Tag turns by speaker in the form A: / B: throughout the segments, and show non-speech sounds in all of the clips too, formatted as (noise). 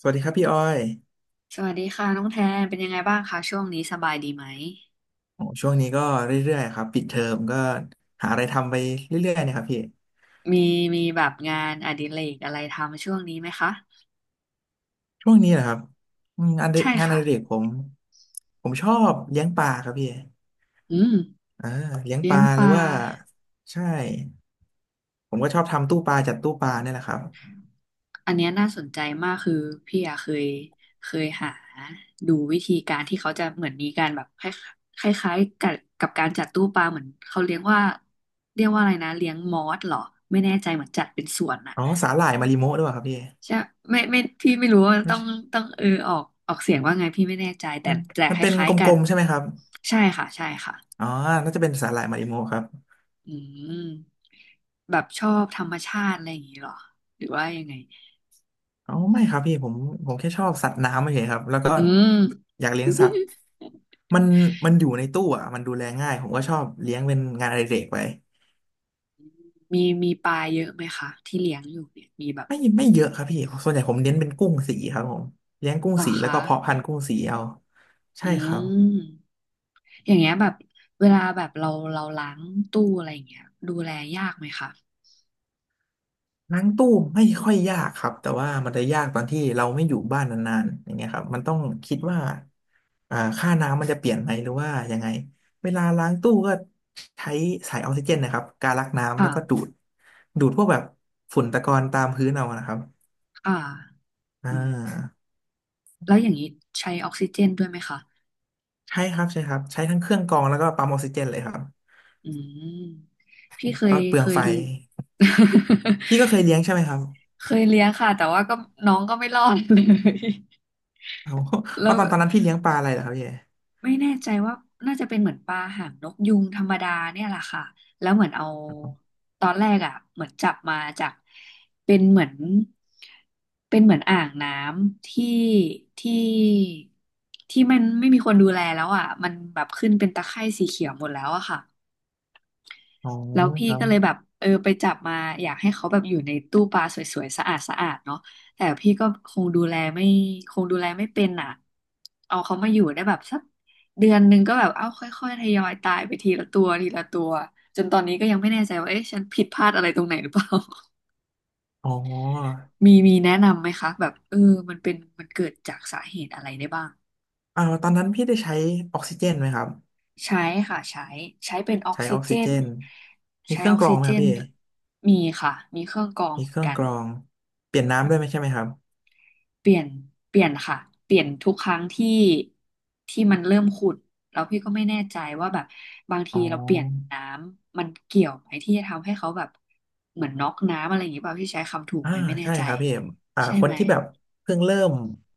A: สวัสดีครับพี่อ้อย
B: สวัสดีค่ะน้องแทนเป็นยังไงบ้างคะช่วงนี้สบายดีไหม
A: โอ้ช่วงนี้ก็เรื่อยๆครับปิดเทอมก็หาอะไรทำไปเรื่อยๆเนะครับพี่
B: มีมีแบบงานอดิเรกอะไรทำช่วงนี้ไหมคะ
A: ช่วงนี้เหรอครับอืม
B: ใช่
A: งานอ
B: ค่ะ
A: ดิเรกผมชอบเลี้ยงปลาครับพี่
B: อืม
A: อ่าเลี้ยง
B: เลี้
A: ป
B: ยง
A: ลา
B: ป
A: หรือ
B: ลา
A: ว่าใช่ผมก็ชอบทำตู้ปลาจัดตู้ปลาเนี่ยแหละครับ
B: อันเนี้ยน่าสนใจมากคือพี่อะเคยหาดูวิธีการที่เขาจะเหมือนมีการแบบคล้ายคล้ายๆกับกับการจัดตู้ปลาเหมือนเขาเรียกว่าเรียกว่าอะไรนะเลี้ยงมอสเหรอไม่แน่ใจเหมือนจัดเป็นสวนอะ
A: อ๋อสาหร่ายมาริโมะด้วยเหรอครับพี่
B: ใช่ไม่พี่ไม่รู้ว่า
A: ไม่
B: ต้อง
A: ใช่
B: ต้องเออออกเสียงว่าไงพี่ไม่แน่ใจแต่
A: มัน
B: แต่
A: มัน
B: ค
A: เป็น
B: ล้าย
A: ก
B: ๆกั
A: ล
B: น
A: มๆใช่ไหมครับ
B: ใช่ค่ะใช่ค่ะ
A: อ๋อน่าจะเป็นสาหร่ายมาริโมะครับ
B: อืมแบบชอบธรรมชาติอะไรอย่างนี้เหรอหรือว่ายังไง
A: อ๋อไม่ครับพี่ผมแค่ชอบสัตว์น้ำเฉยๆครับแล้วก็
B: อืม
A: อยากเลี้ยงสัตว์
B: (laughs)
A: มันมันอยู่ในตู้อ่ะมันดูแลง่ายผมก็ชอบเลี้ยงเป็นงานอดิเรกไป
B: มีปลาเยอะไหมคะที่เลี้ยงอยู่เนี่ยมีแบบ
A: ไม่เยอะครับพี่ส่วนใหญ่ผมเน้นเป็นกุ้งสีครับผมเลี้ยงกุ้
B: เห
A: ง
B: รอ
A: สีแล้ว
B: คะ
A: ก็เพาะพันธุ์กุ้งสีเอา
B: อื
A: ใช่ครับ
B: มอย่างเงี้ยแบบเวลาแบบเราล้างตู้อะไรอย่างเงี้ยดูแลยากไหมคะ
A: ล้างตู้ไม่ค่อยยากครับแต่ว่ามันจะยากตอนที่เราไม่อยู่บ้านนานๆอย่างเงี้ยครับมันต้องคิด
B: อื
A: ว่า
B: ม
A: ค่าน้ำมันจะเปลี่ยนไหมหรือว่ายังไงเวลาล้างตู้ก็ใช้สายออกซิเจนนะครับการลักน้ำ
B: ค่ะ
A: แล้วก็ดูดพวกแบบฝุ่นตะกอนตามพื้นเอานะครับ
B: ค่ะ
A: อ่
B: อืม
A: า
B: แล้วอย่างนี้ใช้ออกซิเจนด้วยไหมคะ
A: ใช่ครับใช่ครับใช้ทั้งเครื่องกรองแล้วก็ปั๊มออกซิเจนเลยครับ
B: อืมพี่เคย
A: ก็เปลื
B: เค
A: องไฟ
B: ย
A: พี่ก็เค
B: (laughs)
A: ยเลี้ยงใช่ไหมครับ
B: เคยเลี้ยงค่ะแต่ว่าก็น้องก็ไม่รอด (laughs) เลย
A: เอา
B: แล้
A: ว่า
B: ว
A: ตอนนั้นพี่เลี้ยงปลาอะไรเหรอครับเย่
B: ไม่แน่ใจว่าน่าจะเป็นเหมือนปลาหางนกยุงธรรมดาเนี่ยแหละค่ะแล้วเหมือนเอาตอนแรกอ่ะเหมือนจับมาจากเป็นเหมือนเป็นเหมือนอ่างน้ำที่ที่ที่มันไม่มีคนดูแลแล้วอ่ะมันแบบขึ้นเป็นตะไคร่สีเขียวหมดแล้วอะค่ะ
A: อ๋อ
B: แล้วพี่
A: ครับ
B: ก็เลยแบบเออไปจับมาอยากให้เขาแบบอยู่ในตู้ปลาสวยๆสะอาดสะอาดเนาะแต่พี่ก็คงดูแลไม่คงดูแลไม่เป็นอ่ะเอาเขามาอยู่ได้แบบสักเดือนหนึ่งก็แบบเอาค่อยๆทยอยตายไปทีละตัวทีละตัวจนตอนนี้ก็ยังไม่แน่ใจว่าเอ๊ะฉันผิดพลาดอะไรตรงไหนหรือเปล่า
A: อ๋อ
B: (laughs) มีแนะนำไหมคะแบบเออมันเกิดจากสาเหตุอะไรได้บ้าง
A: ตอนนั้นพี่ได้ใช้ออกซิเจนไหมครับ
B: ใช้ค่ะใช้ใช้เป็นออก
A: ใช้
B: ซิ
A: ออก
B: เจ
A: ซิเจ
B: น
A: นมี
B: ใช้
A: เครื่
B: อ
A: อง
B: อก
A: กรอ
B: ซิ
A: งไหม
B: เจ
A: ครับ
B: น
A: พี่
B: มีค่ะมีเครื่องกรอง
A: มี
B: เหมื
A: เค
B: อน
A: รื่อง
B: กัน
A: กรองเปลี่ยนน้ำด้วยไหมใช่ไหมครับ
B: เปลี่ยนเปลี่ยนค่ะเปลี่ยนทุกครั้งที่ที่มันเริ่มขุ่นแล้วพี่ก็ไม่แน่ใจว่าแบบบาง
A: อ๋
B: ที
A: อ
B: เราเปลี่ยนน้ำมันเกี่ยวไหมที่จะทำให้เขาแบบเหมือนน็อกน้ำอะไรอย่างนี้เปล่าพี่ใช้คำถูก
A: อ่า
B: ไหมไม่แน่
A: ใช่
B: ใจ
A: ครับพี่เอ็ม
B: ใช่
A: คน
B: ไหม
A: ที่แบบเพิ่งเริ่ม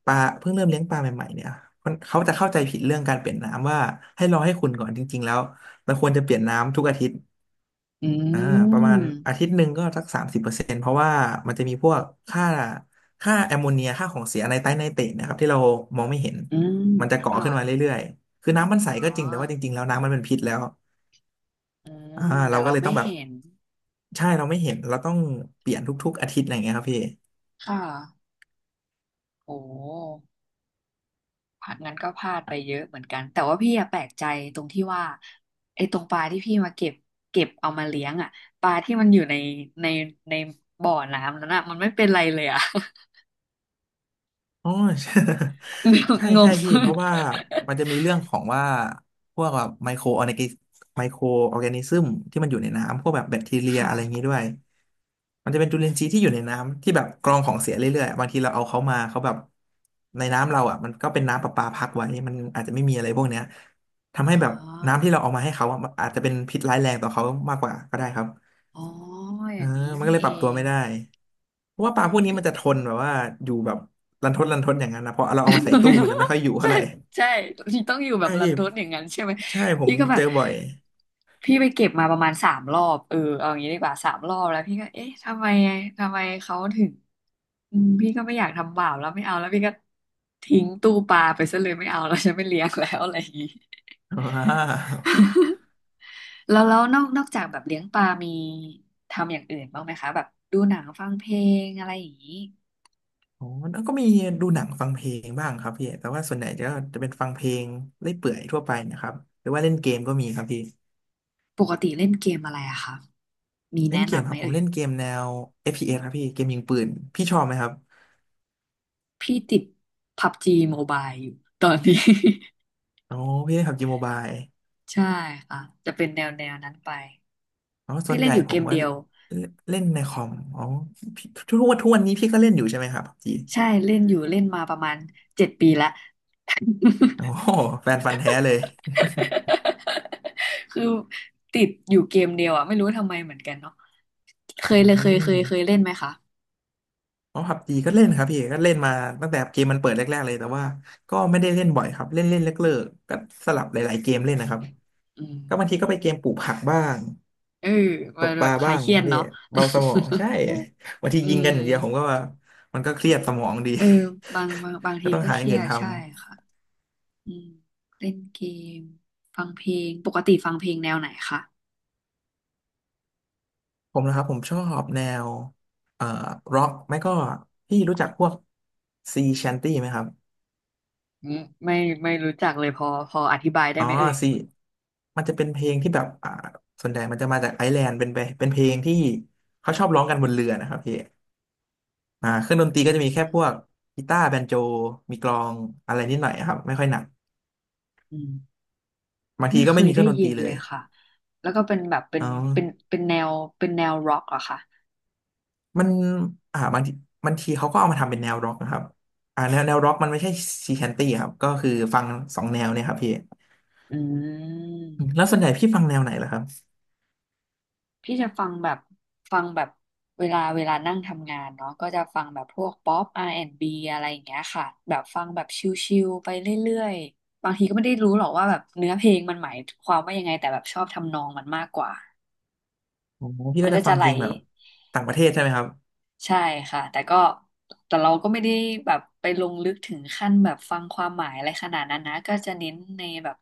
A: ปลาเพิ่งเริ่มเลี้ยงปลาใหม่ๆเนี่ยคนเขาจะเข้าใจผิดเรื่องการเปลี่ยนน้ำว่าให้รอให้คุณก่อนจริงๆแล้วมันควรจะเปลี่ยนน้ำทุกอาทิตย์
B: อื
A: อ่าประมาณอา
B: ม
A: ทิตย์หนึ่งก็สัก30%เพราะว่ามันจะมีพวกค่าแอมโมเนียค่าของเสียในไตรไนเตรตนะครับที่เรามองไม่เห็น
B: อืม
A: มันจะก่อ
B: ค่ะ
A: ขึ้นมาเรื่อยๆคือน้ำมันใส
B: อ๋
A: ก็
B: อ
A: จริงแต่ว่าจริงๆแล้วน้ำมันเป็นพิษแล้ว
B: อื
A: อ่า
B: มแต่
A: เราก็
B: เรา
A: เลย
B: ไม่
A: ต้องแบบ
B: เห็น
A: ใช่เราไม่เห็นเราต้องเปลี่ยนทุกๆอาทิตย์อะไรอย่างเงี้ยครับพี่
B: ค่ะโอ้ พลาดงั้นก็พลาดไปเยอะเหมือนกันแต่ว่าพี่อะแปลกใจตรงที่ว่าไอ้ตรงปลาที่พี่มาเก็บเก็บเอามาเลี้ยงอะปลาที่มันอยู่ในในในบ่อน้ำนั้นอะมันไม่เป็นไรเลยอะ
A: อ๋อ (laughs) ใช่ (laughs) ใช่
B: (laughs) ง
A: ใช่
B: ง
A: พี่เพราะว่ามันจะมีเรื่องของว่าพวกแบบไมโครออร์แกนิซึมที่มันอยู่ในน้ำพวกแบบแบคทีเรียอะ
B: ค่ะ
A: ไรอย่างนี้ด้วยมันจะเป็นจุลินทรีย์ที่อยู่ในน้ำที่แบบกรองของเสียเรื่อยๆบางทีเราเอาเขามาเขาแบบในน้ำเราอ่ะมันก็เป็นน้ำประปาพักไว้มันอาจจะไม่มีอะไรพวกเนี้ย
B: อ๋
A: ทำ
B: อ
A: ให้แบบน้ำที่เราเอามาให้เขาอะมันอาจจะเป็นพิษร้ายแรงต่อเขามากกว่าก็ได้ครับ
B: อ๋ออ
A: อ่า
B: ย่างนี้
A: มันก็
B: นี่
A: เลย
B: เอ
A: ปรับตัว
B: ง
A: ไม่ได้เพราะว่าป
B: เอ
A: ลา
B: อ
A: พวกนี้
B: พี่
A: มันจะทนแบบว่าอยู่แบบรันทดรันทดอย่างนั้นนะเพราะเราเอามาใส่ตู้มันจะไม่ค่อยอยู่
B: ใช่
A: เท่าไหร่
B: ใช่พี่ต้องอยู่แบ
A: ใช่
B: บรัน
A: พี่
B: ทดอย่างนั้นใช่ไหม
A: ใช่ผม
B: พี่ก็แบ
A: เจ
B: บ
A: อบ่อย
B: พี่ไปเก็บมาประมาณสามรอบเออเอาอย่างนี้ดีกว่าสามรอบแล้วพี่ก็เอ๊ะทำไมทำไมเขาถึงอืมพี่ก็ไม่อยากทำบาปแล้วไม่เอาแล้วพี่ก็ทิ้งตู้ปลาไปซะเลยไม่เอาแล้วฉันไม่เลี้ยงแล้วอะไรอย่างนี้
A: อ่า
B: (laughs) แล้วนอกจากแบบเลี้ยงปลามีทำอย่างอื่นบ้างไหมคะแบบดูหนังฟังเพลงอะไรอย่างนี้
A: อ๋อแล้วก็มีดูหนังฟังเพลงบ้างครับพี่แต่ว่าส่วนใหญ่จะเป็นฟังเพลงเล่อยเปื่อยทั่วไปนะครับหรือว่าเล่นเกมก็มีครับพี่
B: ปกติเล่นเกมอะไรอะคะมี
A: เล่น
B: แนะ
A: เกม
B: นำ
A: ค
B: ไหม
A: รับผ
B: เอ่
A: ม
B: ย
A: เล่นเกมแนว FPS ครับพี่เกมยิงปืนพี่ชอบไหมครับ
B: พี่ติดพับจีโมบายอยู่ตอนนี้
A: อ๋อพี่เล่นผับจีโมบาย
B: (laughs) ใช่ค่ะจะเป็นแนวนั้นไป
A: อ๋อส่
B: พี่
A: วน
B: เล่
A: ให
B: น
A: ญ่
B: อยู่
A: ผ
B: เก
A: ม
B: ม
A: ว่า
B: เดียว
A: เล่นในคอมอ๋อพี่ทุกวันนี้พี่ก็เล่นอยู่ใช่ไหมครับพับจี
B: ใช่เล่นอยู่เล่นมาประมาณเจ็ดปีละ (laughs)
A: โอ้โหแฟนฟันธุ์แท้เลย
B: คือติดอยู่เกมเดียวอ่ะไม่รู้ทำไมเหมือนกันเนาะเค
A: อื
B: ยเลยเคย
A: ม
B: เล่นไหมคะ
A: อ๋อพับจีก็เล่นครับพี่ก็เล่นมาตั้งแต่เกมมันเปิดแรกๆเลยแต่ว่าก็ไม่ได้เล่นบ่อยครับเล่นเล่นเลิกๆก็สลับหลายๆเกมเล่นนะครับ
B: อื
A: ก็บางทีก็ไปเก
B: ม
A: มปลูกผักบ้าง
B: เออ
A: ต
B: มั
A: ก
B: น
A: ป
B: แบ
A: ลา
B: บค
A: บ้า
B: ลาย
A: งอ
B: เค
A: ย่าง
B: รี
A: เงี้
B: ย
A: ยค
B: ด
A: รับพี่
B: เนาะ
A: เบาสมองใช่ (laughs) บาง
B: (laughs)
A: ที
B: อื
A: ยิงกั
B: ม
A: นอย่างเดียวผมก็ว่ามันก็เครียดสมองดี
B: เออบาง
A: (laughs) ก็
B: ที
A: ต้อง
B: ก็
A: หา
B: เค
A: อย่า
B: รี
A: ง
B: ย
A: อื่น
B: ดใช่
A: ทำ
B: ค่ะอืมเล่นเกมฟังเพลงปกติฟังเพลงแนวไหนคะ
A: ผมนะครับผมชอบแนวเอ่อร็อกไม่ก็พี่รู้จักพวกซีแชนตี้ไหมครับ
B: อืมไม่ไม่รู้จักเลยพออธิบายได้
A: อ๋อ
B: ไหมเอ่ย
A: ซีมันจะเป็นเพลงที่แบบส่วนใหญ่มันจะมาจากไอร์แลนด์เป็นเพลงที่เขาชอบร้องกันบนเรือนะครับพี่อ่าเครื่องดนตรีก็จะ
B: อื
A: มีแค่พว
B: ม
A: กกีตาร์แบนโจมีกลองอะไรนิดหน่อยครับไม่ค่อยหนัก
B: อืม
A: บางที
B: ไม่
A: ก็
B: เค
A: ไม่
B: ย
A: มีเค
B: ได้
A: รื่องดน
B: ยิ
A: ตรี
B: น
A: เล
B: เล
A: ย
B: ยค่ะแล้วก็เป็นแบบเป็
A: อ๋
B: น
A: อ
B: เป็นแนวเป็นแนวร็อกเหรอคะ
A: มันอ่าบางทีบางทีเขาก็เอามาทำเป็นแนวร็อกนะครับอ่าแนวร็อกมันไม่ใช่ซีแชนตี้ครับก็คือฟังสองแนวเนี่ยครับพี่
B: อื
A: แล้ว
B: ม
A: ส่วนใหญ่พี่ฟังแนวไหนล่ะครับ
B: พี่จะฟังแบบฟังแบบเวลานั่งทำงานเนาะก็จะฟังแบบพวกป๊อป R&B อนด์บีอะไรอย่างเงี้ยค่ะแบบฟังแบบชิลๆไปเรื่อยๆบางทีก็ไม่ได้รู้หรอกว่าแบบเนื้อเพลงมันหมายความว่ายังไงแต่แบบชอบทำนองมันมากกว่า
A: อ๋อพี่
B: มั
A: ก็
B: น
A: จะ
B: ก็
A: ฟั
B: จะ
A: ง
B: ไหล
A: เพลงแบบต่างประเทศใช่ไหมครับ
B: ใช่ค่ะแต่ก็แต่เราก็ไม่ได้แบบไปลงลึกถึงขั้นแบบฟังความหมายอะไรขนาดนั้นนะก็จะเน้นในแบบ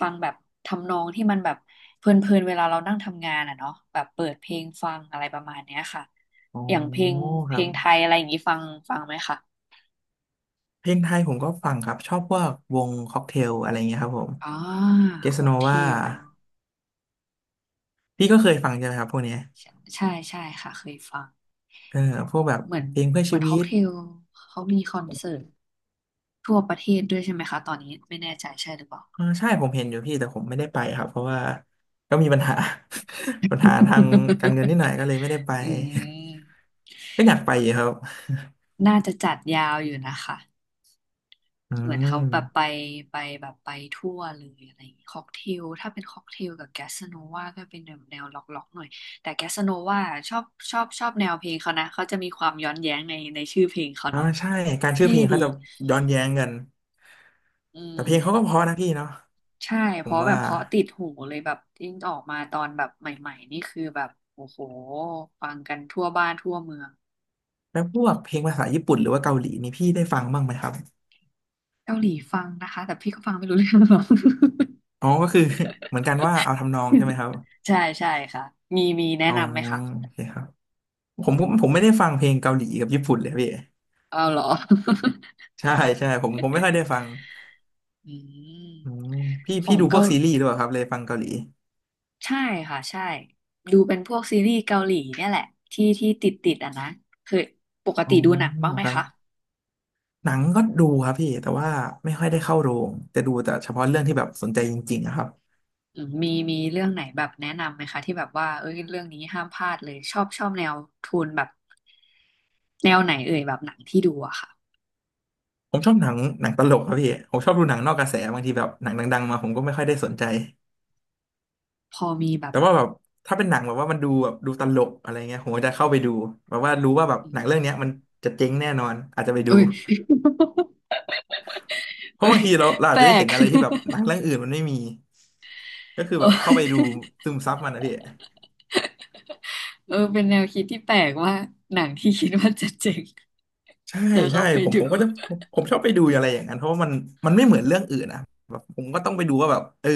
B: ฟังแบบทำนองที่มันแบบเพลินๆเวลาเรานั่งทำงานอ่ะเนาะแบบเปิดเพลงฟังอะไรประมาณเนี้ยค่ะ
A: อ๋อ
B: อย่างเพลง
A: ค
B: เพล
A: รับ
B: งไทยอะไรอย่างนี้ฟังฟังไหมคะ
A: เพลงไทยผมก็ฟังครับชอบพวกวงค็อกเทลอะไรเงี้ยครับผม
B: อ่า
A: เกส
B: ค็อ
A: โน
B: กเท
A: วา
B: ล
A: พี่ก็เคยฟังใช่ไหมครับพวกเนี้ย
B: ใใช่ค่ะเคยฟัง
A: เออพวกแบบ
B: เหมือน
A: เพลงเพื่อ
B: เหมื
A: ชี
B: อน
A: วิ
B: ค็อก
A: ต
B: เทลเขามีคอนเสิร์ตทั่วประเทศด้วยใช่ไหมคะตอนนี้ไม่แน่ใจใช่หรือเปล่า
A: อ่าใช่ผมเห็นอยู่พี่แต่ผมไม่ได้ไปครับเพราะว่าก็มีปัญหา (laughs) ปัญหาทางการเงินนิดหน่อยก็เลยไม่ได้ไป
B: อืม
A: (laughs) ก็อยากไปอยู่ครับ
B: น่าจะจัดยาวอยู่นะคะ
A: (laughs) อื
B: เหมือนเขาแบบไป
A: ม
B: ไปแบบไปทั่วเลยอะไรอย่างงี้ค็อกเทลถ้าเป็นค็อกเทลกับแกสโนวาก็เป็นแนวล็อกๆหน่อยแต่แกสโนวาชอบชอบแนวเพลงเขานะเขาจะมีความย้อนแย้งในชื่อเพลงเขา
A: อ่า
B: เนาะ
A: ใช่การชื่อ
B: เท่
A: เพลงเขา
B: ดี
A: จะย้อนแย้งกัน
B: อื
A: แต่
B: ม
A: เพลงเขาก็เพราะนะพี่เนาะ
B: ใช่
A: ผ
B: เพ
A: ม
B: ราะแบ
A: ว่า
B: บเพราะติดหูเลยแบบยิ่งออกมาตอนแบบใหม่ๆนี่คือแบบโอ้โหฟังกันทั่วบ้านทั่วเมือง
A: แล้วพวกเพลงภาษาญี่ปุ่นหรือว่าเกาหลีนี่พี่ได้ฟังบ้างไหมครับ
B: เกาหลีฟังนะคะแต่พี่ก็ฟังไม่รู้เรื่องหรอก
A: อ๋อก็คือ (laughs) เหมือนกันว่าเอาทำนองใช่ไหม
B: (laughs)
A: ครับ
B: ใช่ค่ะมีแนะ
A: อ๋อ
B: นำไหมคะ
A: โอเคครับผมไม่ได้ฟังเพลงเกาหลีกับญี่ปุ่นเลยพี่
B: เอาเหรอ (laughs)
A: ใช่ใช่ผมไม่ค่อยได้ฟัง
B: อืม
A: อืมพี่
B: ขอ
A: พี่
B: ง
A: ดูพว
B: เกา
A: กซีรีส์ด้วยครับเลยฟังเกาหลี
B: ใช่ค่ะใช่ดูเป็นพวกซีรีส์เกาหลีเนี่ยแหละที่ติดอ่ะนะเคยปก
A: อ๋อ
B: ติดูหนังบ้างไหม
A: ครับ
B: คะ
A: หนังก็ดูครับพี่แต่ว่าไม่ค่อยได้เข้าโรงจะดูแต่เฉพาะเรื่องที่แบบสนใจจริงๆอะครับ
B: อืมมีมีเรื่องไหนแบบแนะนำไหมคะที่แบบว่าเอ้ยเรื่องนี้ห้ามพลาดเลยชอบแนวโทนแบบแนวไหนเอ่ยแบบหนังที่ดูอะค่ะ
A: ผมชอบหนังตลกครับพี่ผมชอบดูหนังนอกกระแสบางทีแบบหนังดังๆมาผมก็ไม่ค่อยได้สนใจ
B: พอมีแบบ
A: แต่ว่าแบบถ้าเป็นหนังแบบว่ามันดูแบบดูตลกอะไรเงี้ยผมก็จะเข้าไปดูแบบว่ารู้ว่าแบบ
B: อื
A: หนังเรื่องเนี้ย
B: ม
A: มันจะเจ๊งแน่นอนอาจจะไปดู
B: เอ้ย (laughs)
A: เพ
B: เอ้
A: ราะ
B: ย
A: บางทีเรา
B: แป
A: อาจ
B: ล
A: จะได้
B: ก
A: เห็นอะไรที่แบบหนังเรื่
B: (laughs)
A: องอื่นมันไม่มีก็คือ
B: เอ
A: แบบเข้าไปดู
B: ้
A: ซึมซับมันนะพี่
B: เออเป็นแนวคิดที่แปลกว่าหนังที่คิดว่าจะเจ๋ง
A: ใช่
B: (laughs) จะ
A: ใช่
B: เข้าไป
A: ผม
B: ดู
A: ผมก็
B: (laughs)
A: จะผมชอบไปดูอะไรอย่างนั้นเพราะว่ามันไม่เหมือนเรื่องอื่นนะแบบผมก็ต้องไปดูว่าแบบเออ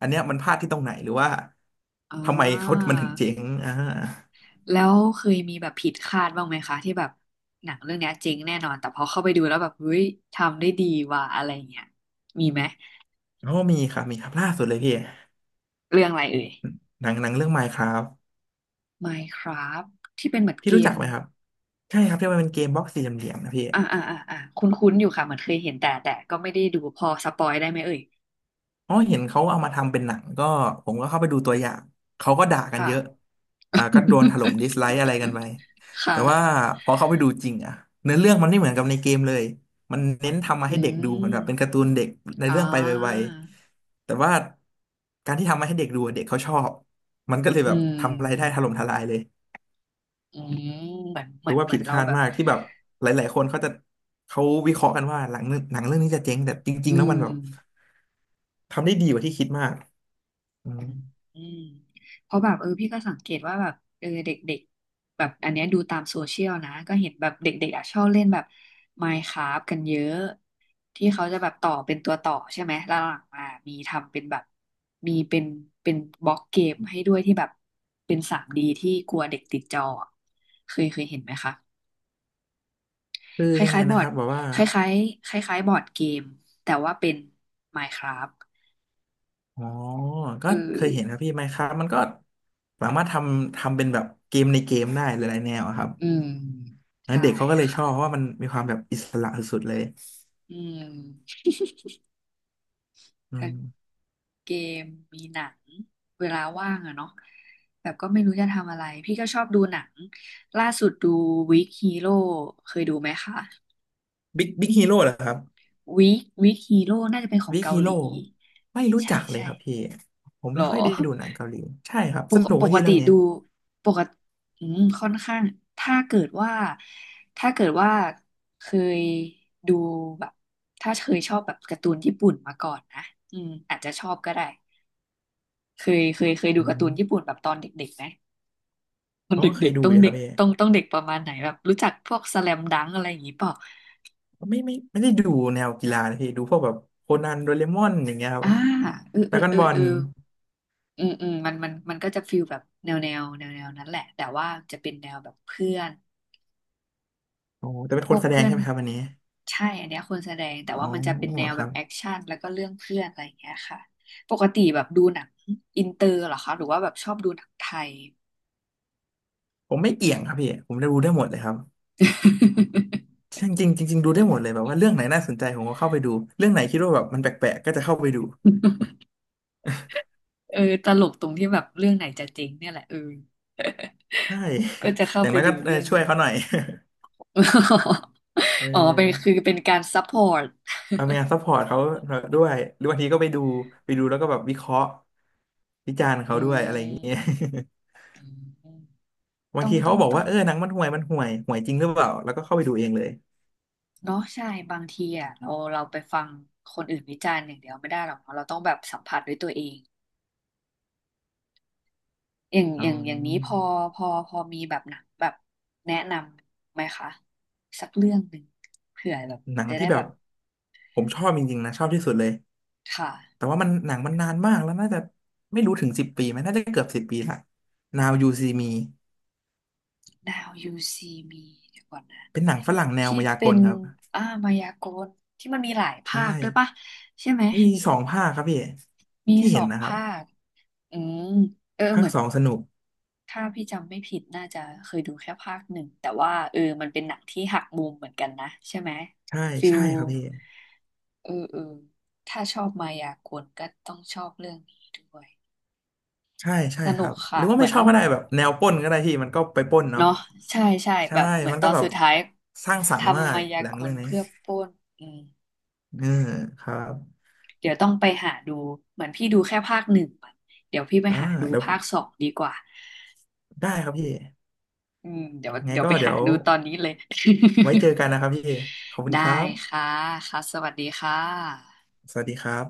A: อันเนี้ยมันพลาดที่ตรงไหนหรือว่า
B: อ่
A: ทำไมเขา
B: า
A: มันถึงเจ๊งอ่า
B: แล้วเคยมีแบบผิดคาดบ้างไหมคะที่แบบหนังเรื่องเนี้ยเจ๋งแน่นอนแต่พอเข้าไปดูแล้วแบบเฮ้ยทำได้ดีว่ะอะไรเงี้ยมีไหม
A: เพราะวามีครับล่าสุดเลยพี่
B: เรื่องอะไรเอ่ย
A: หนังเรื่อง Minecraft
B: Minecraft ที่เป็นเหมือน
A: พี่
B: เก
A: รู้จั
B: ม
A: กไหมครับใช่ครับที่มันเป็นเกมบล็อกสี่เหลี่ยมๆนะพี่
B: อ่าคุ้นๆอยู่ค่ะเหมือนเคยเห็นแต่แต่ก็ไม่ได้ดูพอสปอยได้ไหมเอ่ย
A: อ๋อเห็นเขาเอามาทำเป็นหนังก็ผมก็เข้าไปดูตัวอย่างเขาก็ด่ากัน
B: ค่ะ
A: เยอะอ่าก็โดนถล่มดิสไลค์อะไรกันไป
B: (laughs) ค่ะ
A: แต่ว่าพอเข้าไปดูจริงอะเนื้อเรื่องมันไม่เหมือนกับในเกมเลยมันเน้นทำมา
B: อื
A: ให้เด็กดูเหมือ
B: ม
A: นแบบเป็นการ์ตูนเด็กใน
B: อ่
A: เรื่องไปไว
B: า
A: ๆแต่ว่าการที่ทำมาให้เด็กดูอะเด็กเขาชอบมันก็เลย
B: อื
A: แบบทำรายได้ถ
B: ม
A: ล่มทลายเลย
B: อืมเหมือนเห
A: ถื
B: มือ
A: อ
B: น
A: ว่า
B: เหมื
A: ผิ
B: อ
A: ด
B: นเรา
A: คาด
B: แบบ
A: มากที่แบบหลายๆคนเขาจะเขาวิเคราะห์กันว่าหลังหนังเรื่องนี้จะเจ๊งแต่จริ
B: อื
A: งๆ แล้วมั
B: ม
A: นแบบทำได้ดีกว่าที่คิดมากอื
B: อื
A: ม
B: มอืมเพราะแบบเออพี่ก็สังเกตว่าแบบเออเด็กๆแบบอันเนี้ยดูตามโซเชียลนะก็เห็นแบบเด็กๆอ่ะชอบเล่นแบบ Minecraft กันเยอะที่เขาจะแบบต่อเป็นตัวต่อใช่ไหมแล้วหลังมามีทำเป็นแบบมีเป็นบล็อกเกมให้ด้วยที่แบบเป็นทรีดีที่กลัวเด็กติดจออะเคยเห็นไหมคะ
A: คือ
B: ค
A: ยังไง
B: ล้ายๆบ
A: นะ
B: อ
A: ค
B: ร์ด
A: รับแบบว่า
B: คล้ายๆคล้ายๆบอร์ดเกม แต่ว่าเป็น Minecraft
A: อ๋อก็
B: เอ
A: เคยเห็นครับ
B: อ
A: พี่ไมน์คราฟมันก็สามารถทำเป็นแบบเกมในเกมได้หลายๆแนวอะครับ
B: อืม
A: แล้ว
B: ใช่
A: เด็กเขาก็เลยช
B: ค่ะ
A: อบเพราะว่ามันมีความแบบอิสระสุดๆเลย
B: อืม
A: อื
B: ทั้ง
A: ม
B: เกมมีหนัง เวลาว่างอะเนาะแบบก็ไม่รู้จะทำอะไร พี่ก็ชอบดูหนัง ล่าสุดดู Weak Hero เคยดูไหมคะ
A: บิ๊กฮีโร่เหรอครับ
B: Weak Hero น่าจะเป็นของ
A: บิ๊ก
B: เกา
A: ฮี
B: ห
A: โร่
B: ลี
A: ไม่รู้
B: ใช่
A: จักเลย
B: ใช่
A: ครับพี่ผม
B: หรอ
A: ไม่ค่อยได้ดูหนังเกาหลีใช่ครับ
B: ป
A: ส
B: ก
A: นุก
B: ป
A: ไหม
B: ก
A: พี่
B: ติ
A: เรื่องนี้
B: ดูปกติอืมค่อนข้างถ้าเกิดว่าถ้าเกิดว่าเคยดูแบบถ้าเคยชอบแบบการ์ตูนญี่ปุ่นมาก่อนนะอืมอาจจะชอบก็ได้เคยดู
A: อื
B: การ์ตูนญี่
A: ม
B: ปุ่นแบบตอนเด็กๆไหมตอ
A: เพ
B: น
A: ราะ
B: เด
A: ว่าเค
B: ็
A: ย
B: ก
A: ดู
B: ๆต้อ
A: อ
B: ง
A: ยู่ค
B: เด็
A: รับ
B: ก
A: พี่
B: ต้องเด็กประมาณไหนแบบรู้จักพวกสแลมดังอะไรอย่างงี้เปล่า
A: ไม่ได้ดูแนวกีฬานะพี่ดูพวกแบบโคนันโดเรมอนอย่างเงี้ยครับ
B: อ่าเออ
A: ด
B: เอ
A: รา
B: อ
A: ก้อน
B: เออ
A: บอ
B: เอ
A: ล
B: ออืมอืมมันก็จะฟีลแบบแนวนั้นแหละแต่ว่าจะเป็นแนวแบบเพื่อน
A: โอ้แต่เป็น
B: พ
A: ค
B: ว
A: น
B: ก
A: แสด
B: เพื่
A: ง
B: อน
A: ใช่ไหมครับอันนี้
B: ใช่อันเนี้ยคนแสดงแต่
A: อ๋อ
B: ว่ามันจะเป็นแนว
A: ค
B: แบ
A: รั
B: บ
A: บ
B: แอคชั่นแล้วก็เรื่องเพื่อนอะไรอย่างเงี้ยค่ะปกติแบบดูหนังอินเตอร์เหรอคะหรือว่าแบบชอบดูหนังไทย
A: ผมไม่เกี่ยงครับพี่ผมได้ดูได้หมดเลยครับจริงจริงจริงๆดูได้หมดเลยแบบว่าเรื่องไหนน่าสนใจผมก็เข้าไปดูเรื่องไหนคิดว่าแบบมันแปลกๆก็จะเข้าไปดู
B: (laughs) เออตลกตรงที่แบบเรื่องไหนจะเจริงเนี่ยแหละเออ
A: ใช่
B: (laughs) ก็จะ
A: (laughs)
B: เข้า
A: อย่าง
B: ไป
A: นั้น
B: ดู
A: ก็เออ
B: เรื่อง
A: ช่วย
B: นั้น
A: เขาหน่อย
B: (laughs)
A: (laughs) เอ
B: อ๋อเป็นคือ
A: อ
B: เป็นการซัพพอร์ต
A: ทำงานซัพพอร์ตเขาด้วยหรือบางทีก็ไปดูแล้วก็แบบวิเคราะห์วิจารณ์เขา
B: อื
A: ด้วยอะไรอย่า
B: ม
A: งเงี้ย
B: อืม
A: บา
B: ต้
A: ง
B: อง
A: ที
B: ต้
A: เขา
B: อง
A: บอก
B: ต้อ
A: ว่า
B: ง
A: เออหนังมันห่วยห่วยจริงหรือเปล่าแล้วก็เข้าไปดูเองเลย
B: เนาะใช่บางทีอ่ะเราไปฟังคนอื่นวิจารณ์อย่างเดียวไม่ได้หรอกเนาะเราต้องแบบสัมผัสด้วยตัวเองอย่าง
A: อ๋
B: อ
A: อ
B: ย่างอย่างนี้พอพอมีแบบหนังแบบแนะนำไหมคะสักเรื่องหนึ่งเผื่อแบบ
A: หนัง
B: จะ
A: ที่
B: ได้
A: แบ
B: แบ
A: บ
B: บ
A: ผมชอบจริงๆนะชอบที่สุดเลย
B: ค่ะ
A: แต่ว่ามันหนังมันนานมากแล้วน่าจะไม่รู้ถึงสิบปีไหมน่าจะเกือบสิบปีละ Now You See Me
B: Now You See Me เดี๋ยวก่อนนะ
A: เป็นหนังฝรั่งแนว
B: ที่
A: มายาก
B: เป็น
A: ลครับ
B: อ่ามายากลที่มันมีหลาย
A: ใช่
B: ภาคด้วยปะใช่ไหม
A: มี2 ภาคครับพี่
B: มี
A: ที่
B: ส
A: เห็
B: อ
A: น
B: ง
A: นะครับ
B: ภาคอืมเออ
A: ภา
B: เห
A: ค
B: มือน
A: สองสนุก
B: ถ้าพี่จำไม่ผิดน่าจะเคยดูแค่ภาคหนึ่งแต่ว่าเออมันเป็นหนังที่หักมุมเหมือนกันนะใช่ไหม
A: ใช่
B: ฟิล
A: ใช่ครับพี่
B: เออเออถ้าชอบมายากลก็ต้องชอบเรื่องนี้ด้วย
A: ใช่ใช่
B: ส
A: ค
B: นุ
A: รั
B: ก
A: บห
B: ค่ะ
A: รือว่า
B: เหมื
A: ไม่
B: อน
A: ชอบก็ได้แบบแนวปล้นก็ได้พี่มันก็ไปปล้นเนาะ
B: เนาะใช่
A: ใช่
B: แบบเหมือน
A: มัน
B: ตอ
A: ก็
B: น
A: แบบ
B: สุดท้าย
A: สร้างสรรค์มา
B: ทำ
A: ก
B: มายา
A: หนั
B: ก
A: งเรื่
B: ล
A: องนี้
B: เพื่อปล้นอืม
A: อ่าครับ
B: เดี๋ยวต้องไปหาดูเหมือนพี่ดูแค่ภาคหนึ่งอะเดี๋ยวพี่ไป
A: อ่า
B: หาดู
A: เดี๋ยว
B: ภาคสองดีกว่า
A: ได้ครับพี่
B: อืมเดี๋ยว
A: ไง
B: เดี๋ยว
A: ก็
B: ไป
A: เดี๋
B: หา
A: ยว
B: ดูตอนนี้เลย
A: ไว้เจอกันนะครับพี่
B: (laughs)
A: ขอบคุณ
B: ได้
A: ครั
B: ค่ะ
A: บ
B: ค่ะสวัสดีค่ะ
A: สวัสดีครับ